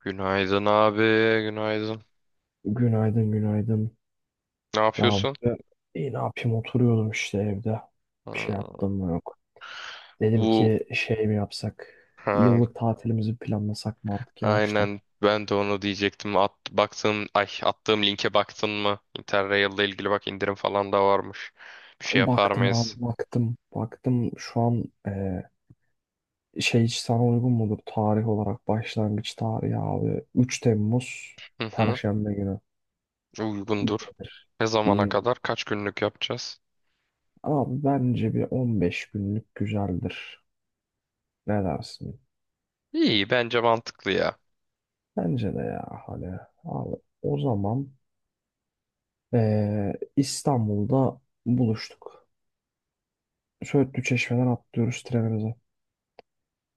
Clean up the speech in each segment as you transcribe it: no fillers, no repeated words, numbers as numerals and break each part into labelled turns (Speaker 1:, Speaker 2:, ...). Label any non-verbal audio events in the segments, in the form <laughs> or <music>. Speaker 1: Günaydın abi, günaydın.
Speaker 2: Günaydın, günaydın.
Speaker 1: Ne
Speaker 2: Ya
Speaker 1: yapıyorsun?
Speaker 2: burada iyi ne yapayım oturuyordum işte evde. Bir şey
Speaker 1: Hmm.
Speaker 2: yaptım mı yok. Dedim
Speaker 1: Bu,
Speaker 2: ki şey mi yapsak?
Speaker 1: ha,
Speaker 2: Yıllık tatilimizi planlasak mı artık yavaştan?
Speaker 1: aynen ben de onu diyecektim. At, baktım, ay attığım linke baktın mı? Interrail'le ilgili bak indirim falan da varmış. Bir şey yapar
Speaker 2: Baktım abi
Speaker 1: mıyız?
Speaker 2: baktım. Baktım şu an şey hiç sana uygun mudur tarih olarak başlangıç tarihi abi. 3 Temmuz
Speaker 1: Hı hı,
Speaker 2: Perşembe günü. İyi
Speaker 1: uygundur.
Speaker 2: gelir.
Speaker 1: Ne zamana
Speaker 2: İyi.
Speaker 1: kadar? Kaç günlük yapacağız?
Speaker 2: Abi bence bir 15 günlük güzeldir. Ne dersin?
Speaker 1: İyi, bence mantıklı ya.
Speaker 2: Bence de ya hani abi o zaman İstanbul'da buluştuk. Söğütlü Çeşme'den atlıyoruz trenimize.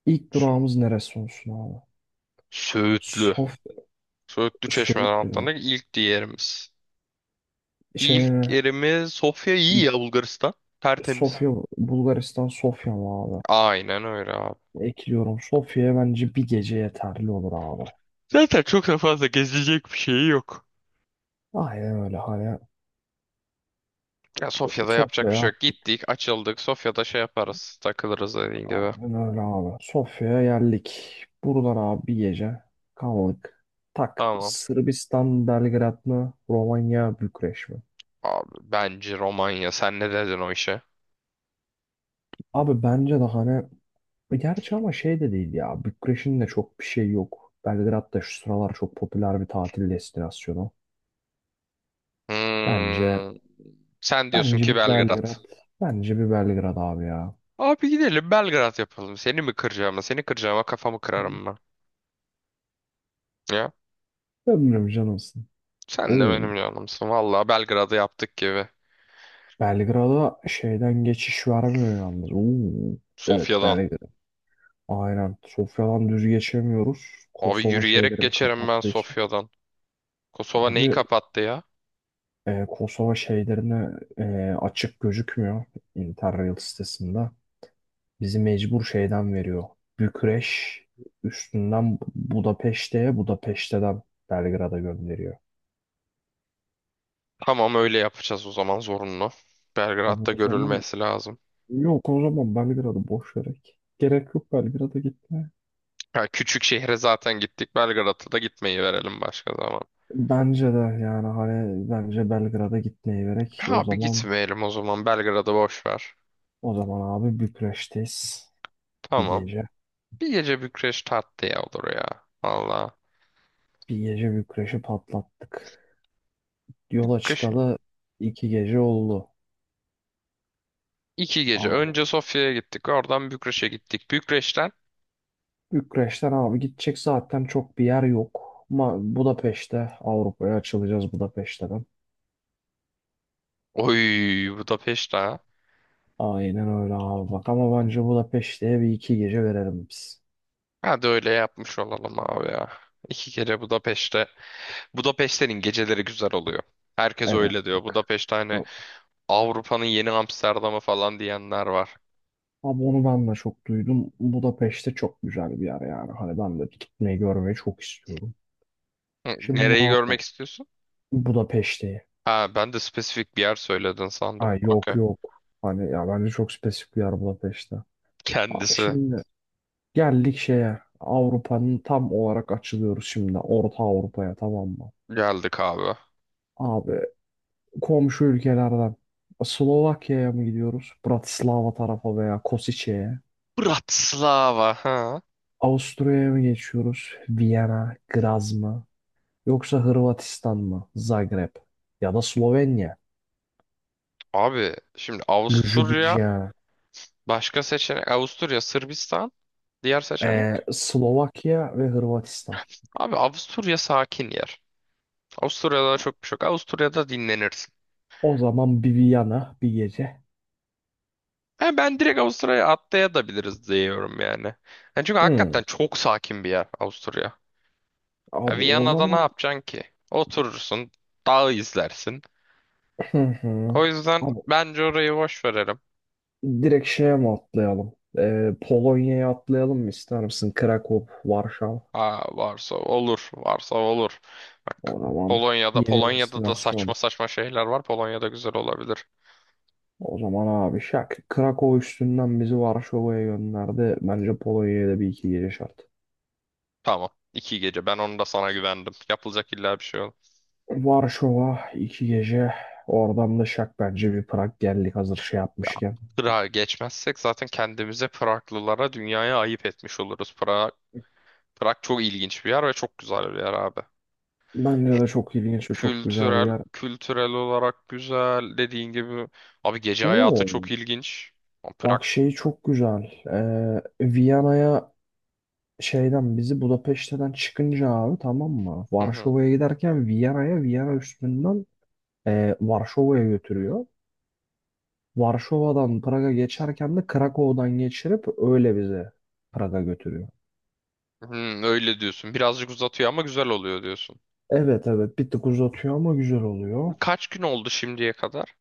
Speaker 2: İlk durağımız neresi olsun abi?
Speaker 1: Söğütlü.
Speaker 2: Sof
Speaker 1: Söğütlü Çeşme'den
Speaker 2: Söğütlü mü?
Speaker 1: atlandık. İlk yerimiz.
Speaker 2: Şey
Speaker 1: İlk
Speaker 2: mi?
Speaker 1: yerimiz Sofya iyi ya, Bulgaristan. Tertemiz.
Speaker 2: Sofya, Bulgaristan Sofya mı abi?
Speaker 1: Aynen öyle abi.
Speaker 2: Ekliyorum. Sofya'ya bence bir gece yeterli olur abi.
Speaker 1: Zaten çok da fazla gezilecek bir şey yok.
Speaker 2: Aynen öyle hani.
Speaker 1: Ya Sofya'da yapacak bir
Speaker 2: Sofya'ya
Speaker 1: şey yok.
Speaker 2: attık.
Speaker 1: Gittik, açıldık. Sofya'da şey yaparız. Takılırız dediğin gibi.
Speaker 2: Aynen öyle abi. Sofya'ya geldik. Buradan abi bir gece kaldık. Tak.
Speaker 1: Tamam.
Speaker 2: Sırbistan, Belgrad mı? Romanya, Bükreş mi?
Speaker 1: Abi bence Romanya. Sen ne dedin o işe?
Speaker 2: Abi bence de hani gerçi ama şey de değil ya. Bükreş'in de çok bir şey yok. Belgrad da şu sıralar çok popüler bir tatil destinasyonu. Bence
Speaker 1: Hmm, sen diyorsun
Speaker 2: bence
Speaker 1: ki
Speaker 2: bir
Speaker 1: Belgrad.
Speaker 2: Belgrad. Bence bir Belgrad abi ya.
Speaker 1: Abi gidelim Belgrad yapalım. Seni mi kıracağım? Seni kıracağıma kafamı kırarım ben. Ya
Speaker 2: Ömrüm canımsın.
Speaker 1: sen de
Speaker 2: Oo,
Speaker 1: benim canımsın. Vallahi Belgrad'ı yaptık gibi.
Speaker 2: Belgrad'a şeyden geçiş vermiyor yalnız. Oo, evet
Speaker 1: Sofya'dan.
Speaker 2: Belgrad. Aynen. Sofya'dan düz geçemiyoruz.
Speaker 1: Abi
Speaker 2: Kosova
Speaker 1: yürüyerek
Speaker 2: şeylerini
Speaker 1: geçerim ben
Speaker 2: kapattığı için.
Speaker 1: Sofya'dan. Kosova neyi
Speaker 2: Abi
Speaker 1: kapattı ya?
Speaker 2: Kosova şeylerine açık gözükmüyor Interrail sitesinde. Bizi mecbur şeyden veriyor. Bükreş üstünden Budapeşte'ye, Budapeşte'den Belgrad'a gönderiyor.
Speaker 1: Tamam öyle yapacağız o zaman, zorunlu.
Speaker 2: Abi
Speaker 1: Belgrad'da
Speaker 2: o zaman
Speaker 1: görülmesi lazım.
Speaker 2: yok o zaman Belgrad'ı boş vererek. Gerek yok Belgrad'a gitmeye.
Speaker 1: Ha, küçük şehre zaten gittik. Belgrad'a da gitmeyi verelim başka zaman.
Speaker 2: Bence de yani hani bence Belgrad'a gitmeyi gerek. O
Speaker 1: Ha bir
Speaker 2: zaman
Speaker 1: gitmeyelim o zaman. Belgrad'ı boş ver.
Speaker 2: o zaman abi Bükreş'teyiz bir
Speaker 1: Tamam.
Speaker 2: gece.
Speaker 1: Bir gece Bükreş tatlıya olur ya. Valla.
Speaker 2: Bir gece Bükreş'i patlattık. Yola
Speaker 1: Bükreş mi?
Speaker 2: çıkalı 2 gece oldu.
Speaker 1: İki gece.
Speaker 2: Abi
Speaker 1: Önce Sofya'ya gittik. Oradan Bükreş'e gittik. Bükreş'ten.
Speaker 2: Bükreş'ten abi gidecek zaten çok bir yer yok. Budapeşte Avrupa'ya açılacağız Budapeşte'den.
Speaker 1: Oy, Budapeşte ha.
Speaker 2: Aynen öyle abi bak ama bence Budapeşte'ye bir iki gece verelim biz.
Speaker 1: Hadi öyle yapmış olalım abi ya. İki gece Budapeşte. Budapeşte'nin geceleri güzel oluyor. Herkes
Speaker 2: Evet
Speaker 1: öyle diyor.
Speaker 2: bak.
Speaker 1: Budapeşte hani Avrupa'nın yeni Amsterdam'ı falan diyenler var.
Speaker 2: Abi onu ben de çok duydum. Budapeşte çok güzel bir yer yani. Hani ben de gitmeyi görmeyi çok istiyorum.
Speaker 1: Hı,
Speaker 2: Şimdi
Speaker 1: nereyi
Speaker 2: abi
Speaker 1: görmek istiyorsun?
Speaker 2: Budapeşte'yi.
Speaker 1: Ha ben de spesifik bir yer söyledin sandım.
Speaker 2: Ay yok
Speaker 1: Okey.
Speaker 2: yok. Hani ya bence çok spesifik bir yer Budapeşte. Abi
Speaker 1: Kendisi
Speaker 2: şimdi geldik şeye. Avrupa'nın tam olarak açılıyoruz şimdi. Orta Avrupa'ya tamam mı?
Speaker 1: geldik abi.
Speaker 2: Abi komşu ülkelerden Slovakya'ya mı gidiyoruz? Bratislava tarafa veya Kosice'ye.
Speaker 1: Bratislava. Ha.
Speaker 2: Avusturya'ya mı geçiyoruz? Viyana, Graz mı? Yoksa Hırvatistan mı? Zagreb. Ya da Slovenya.
Speaker 1: Abi şimdi Avusturya
Speaker 2: Ljubljana.
Speaker 1: başka seçenek. Avusturya, Sırbistan diğer seçenek.
Speaker 2: Slovakya ve Hırvatistan.
Speaker 1: Abi Avusturya sakin yer. Avusturya'da çok bir şey yok. Avusturya'da dinlenirsin.
Speaker 2: O zaman bir Viyana bir gece.
Speaker 1: Ha, ben direkt Avusturya'ya atlayabiliriz diyorum yani. Yani çünkü
Speaker 2: Hmm.
Speaker 1: hakikaten çok sakin bir yer Avusturya. Ya
Speaker 2: Abi o
Speaker 1: Viyana'da ne
Speaker 2: zaman.
Speaker 1: yapacaksın ki? Oturursun, dağı izlersin.
Speaker 2: Hı hı.
Speaker 1: O yüzden
Speaker 2: Abi
Speaker 1: bence orayı boş verelim.
Speaker 2: direkt şeye mi atlayalım? Polonya'ya atlayalım mı ister misin? Krakow, Varşova.
Speaker 1: Aa, varsa olur, varsa olur. Bak
Speaker 2: O zaman
Speaker 1: Polonya'da,
Speaker 2: yeni
Speaker 1: Polonya'da da saçma
Speaker 2: destinasyon.
Speaker 1: saçma şeyler var. Polonya'da güzel olabilir.
Speaker 2: O zaman abi şak. Krakow üstünden bizi Varşova'ya gönderdi. Bence Polonya'ya da bir iki gece şart.
Speaker 1: Tamam, iki gece. Ben onu da sana güvendim. Yapılacak illa bir şey olur.
Speaker 2: Varşova 2 gece. Oradan da şak bence bir Prag geldik hazır şey yapmışken.
Speaker 1: Prag'a geçmezsek zaten kendimize, Praglılara, dünyaya ayıp etmiş oluruz. Prag çok ilginç bir yer ve çok güzel bir yer abi.
Speaker 2: Bence de çok ilginç ve çok güzel bir
Speaker 1: Kültürel
Speaker 2: yer.
Speaker 1: kültürel olarak güzel dediğin gibi. Abi gece hayatı
Speaker 2: Oo,
Speaker 1: çok ilginç. Ama Prag.
Speaker 2: bak şey çok güzel. Ee, Viyana'ya şeyden bizi Budapeşte'den çıkınca abi tamam mı?
Speaker 1: Hı hı.
Speaker 2: Varşova'ya giderken Viyana'ya Viyana üstünden Varşova'ya götürüyor. Varşova'dan Praga geçerken de Krakow'dan geçirip öyle bizi Praga götürüyor.
Speaker 1: Hı, öyle diyorsun. Birazcık uzatıyor ama güzel oluyor diyorsun.
Speaker 2: Evet evet bir tık uzatıyor ama güzel oluyor.
Speaker 1: Kaç gün oldu şimdiye kadar?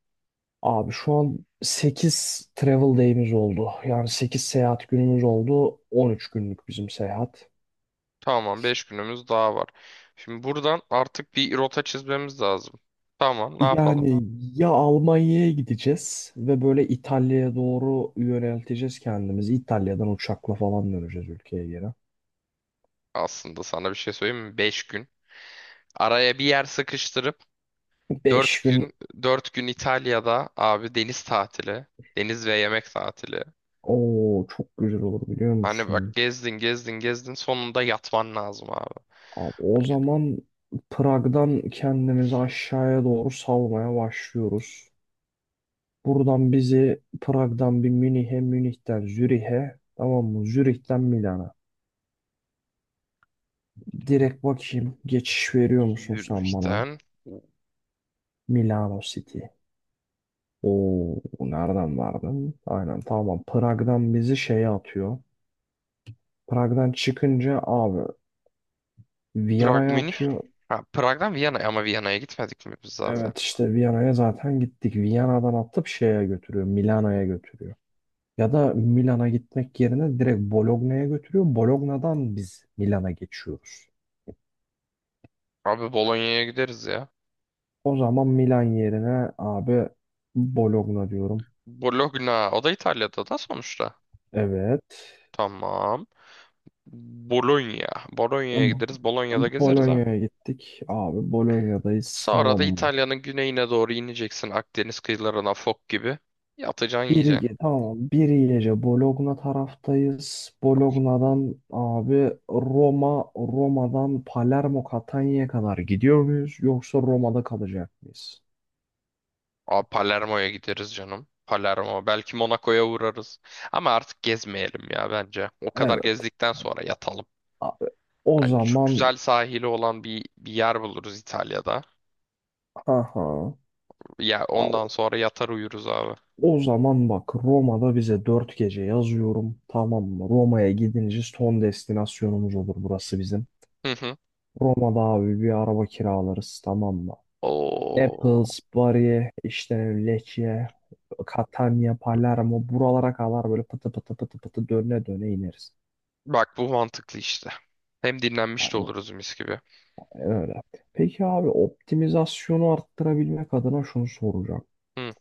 Speaker 2: Abi şu an 8 travel day'imiz oldu. Yani 8 seyahat günümüz oldu. 13 günlük bizim seyahat.
Speaker 1: Tamam, beş günümüz daha var. Şimdi buradan artık bir rota çizmemiz lazım. Tamam, ne yapalım?
Speaker 2: Yani ya Almanya'ya gideceğiz ve böyle İtalya'ya doğru yönelteceğiz kendimizi. İtalya'dan uçakla falan döneceğiz ülkeye geri.
Speaker 1: Aslında sana bir şey söyleyeyim mi? 5 gün. Araya bir yer sıkıştırıp
Speaker 2: Beş
Speaker 1: 4
Speaker 2: gün
Speaker 1: gün, 4 gün İtalya'da abi deniz tatili, deniz ve yemek tatili.
Speaker 2: o çok güzel olur biliyor
Speaker 1: Hani bak
Speaker 2: musun?
Speaker 1: gezdin gezdin gezdin sonunda yatman lazım abi.
Speaker 2: Abi o zaman Prag'dan kendimizi aşağıya doğru salmaya başlıyoruz. Buradan bizi Prag'dan bir Münih'e, Münih'ten Zürih'e, tamam mı? Zürih'ten Milana. Direkt bakayım geçiş veriyor musun sen bana?
Speaker 1: Zürih'ten
Speaker 2: Milano City. Oo, nereden verdin? Aynen tamam. Prag'dan bizi şeye atıyor. Prag'dan çıkınca abi
Speaker 1: Prag
Speaker 2: Viyana'ya
Speaker 1: Münih.
Speaker 2: atıyor.
Speaker 1: Ha, Prag'dan Viyana, ama Viyana'ya gitmedik mi biz zaten?
Speaker 2: Evet işte Viyana'ya zaten gittik. Viyana'dan atıp şeye götürüyor. Milano'ya götürüyor. Ya da Milan'a gitmek yerine direkt Bologna'ya götürüyor. Bologna'dan biz Milan'a geçiyoruz.
Speaker 1: Abi Bolonya'ya gideriz ya.
Speaker 2: O zaman Milan yerine abi Bologna diyorum.
Speaker 1: Bologna o da İtalya'da da sonuçta.
Speaker 2: Evet.
Speaker 1: Tamam. Bologna. Bolonya'ya
Speaker 2: Tamam.
Speaker 1: gideriz. Bolonya'da gezeriz ha.
Speaker 2: Bologna'ya gittik. Abi Bolonya'dayız.
Speaker 1: Sonra
Speaker 2: Tamam
Speaker 1: da
Speaker 2: mı?
Speaker 1: İtalya'nın güneyine doğru ineceksin Akdeniz kıyılarına fok gibi. Yatacaksın yiyeceksin.
Speaker 2: Bir, tamam bir gece Bologna taraftayız. Bologna'dan abi Roma, Roma'dan Palermo, Catania'ya kadar gidiyor muyuz? Yoksa Roma'da kalacak mıyız?
Speaker 1: Abi Palermo'ya gideriz canım. Palermo. Belki Monaco'ya uğrarız. Ama artık gezmeyelim ya bence. O kadar
Speaker 2: Evet
Speaker 1: gezdikten sonra yatalım.
Speaker 2: abi. O
Speaker 1: Yani şu
Speaker 2: zaman.
Speaker 1: güzel sahili olan bir yer buluruz İtalya'da.
Speaker 2: Aha.
Speaker 1: Ya ondan
Speaker 2: Al-
Speaker 1: sonra yatar uyuruz abi.
Speaker 2: O zaman bak Roma'da bize 4 gece yazıyorum. Tamam mı? Roma'ya gidince son destinasyonumuz olur burası bizim.
Speaker 1: Hı hı.
Speaker 2: Roma'da abi bir araba kiralarız tamam mı?
Speaker 1: Oo.
Speaker 2: Naples, Bari, işte Lecce, Catania, Palermo buralara kadar böyle pıtı pıtı pıtı pıtı döne döne ineriz.
Speaker 1: Bak bu mantıklı işte. Hem dinlenmiş de
Speaker 2: Yani
Speaker 1: oluruz mis gibi.
Speaker 2: öyle. Peki abi optimizasyonu arttırabilmek adına şunu soracağım.
Speaker 1: Hı.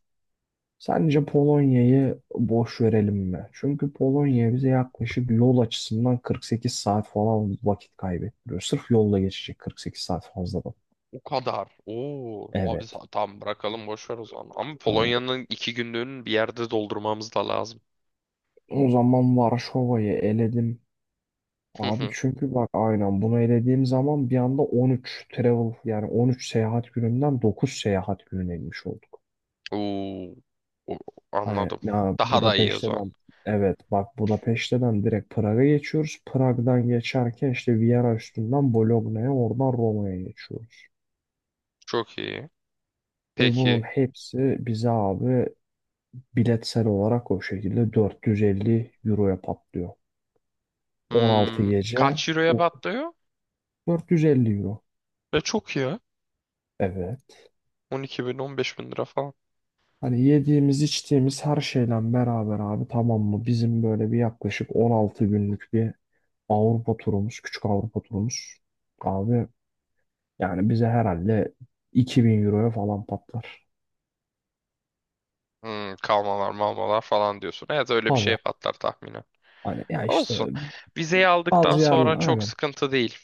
Speaker 2: Sence Polonya'yı boş verelim mi? Çünkü Polonya bize yaklaşık yol açısından 48 saat falan vakit kaybettiriyor. Sırf yolla geçecek 48 saat fazladan.
Speaker 1: O kadar. Oo.
Speaker 2: Evet.
Speaker 1: Tamam bırakalım boş ver o zaman. Ama
Speaker 2: Hani
Speaker 1: Polonya'nın iki günlüğünü bir yerde doldurmamız da lazım.
Speaker 2: o zaman Varşova'yı eledim. Abi
Speaker 1: <laughs>
Speaker 2: çünkü bak aynen bunu elediğim zaman bir anda 13 travel yani 13 seyahat gününden 9 seyahat gününe inmiş olduk.
Speaker 1: Oo, o-
Speaker 2: Hani
Speaker 1: anladım.
Speaker 2: ya
Speaker 1: Daha da iyi o zaman.
Speaker 2: Budapeşte'den evet bak Budapeşte'den direkt Prag'a geçiyoruz. Prag'dan geçerken işte Viyana üstünden Bologna'ya oradan Roma'ya geçiyoruz.
Speaker 1: Çok iyi.
Speaker 2: Ve bunun
Speaker 1: Peki.
Speaker 2: hepsi bize abi biletsel olarak o şekilde 450 euroya patlıyor. 16
Speaker 1: Hmm,
Speaker 2: gece
Speaker 1: kaç euroya patlıyor?
Speaker 2: 450 euro.
Speaker 1: Ve çok iyi, ha.
Speaker 2: Evet.
Speaker 1: 12 bin, 15 bin lira falan.
Speaker 2: Hani yediğimiz içtiğimiz her şeyle beraber abi tamam mı? Bizim böyle bir yaklaşık 16 günlük bir Avrupa turumuz, küçük Avrupa turumuz. Abi yani bize herhalde 2000 euroya falan patlar.
Speaker 1: Hmm, kalmalar malmalar falan diyorsun. Evet öyle bir
Speaker 2: Tabii.
Speaker 1: şeye patlar tahminen.
Speaker 2: Hani ya işte
Speaker 1: Olsun. Vizeyi aldıktan
Speaker 2: bazı
Speaker 1: sonra
Speaker 2: yerler
Speaker 1: çok
Speaker 2: aynen.
Speaker 1: sıkıntı değil.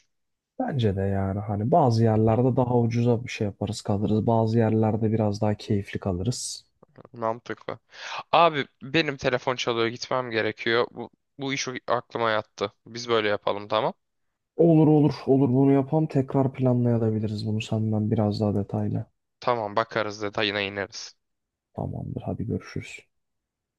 Speaker 2: Bence de yani hani bazı yerlerde daha ucuza bir şey yaparız kalırız. Bazı yerlerde biraz daha keyifli kalırız.
Speaker 1: Mantıklı. Abi benim telefon çalıyor gitmem gerekiyor. Bu iş aklıma yattı. Biz böyle yapalım tamam.
Speaker 2: Olur olur olur bunu yapalım. Tekrar planlayabiliriz bunu senden biraz daha detaylı.
Speaker 1: Tamam bakarız detayına ineriz.
Speaker 2: Tamamdır hadi görüşürüz.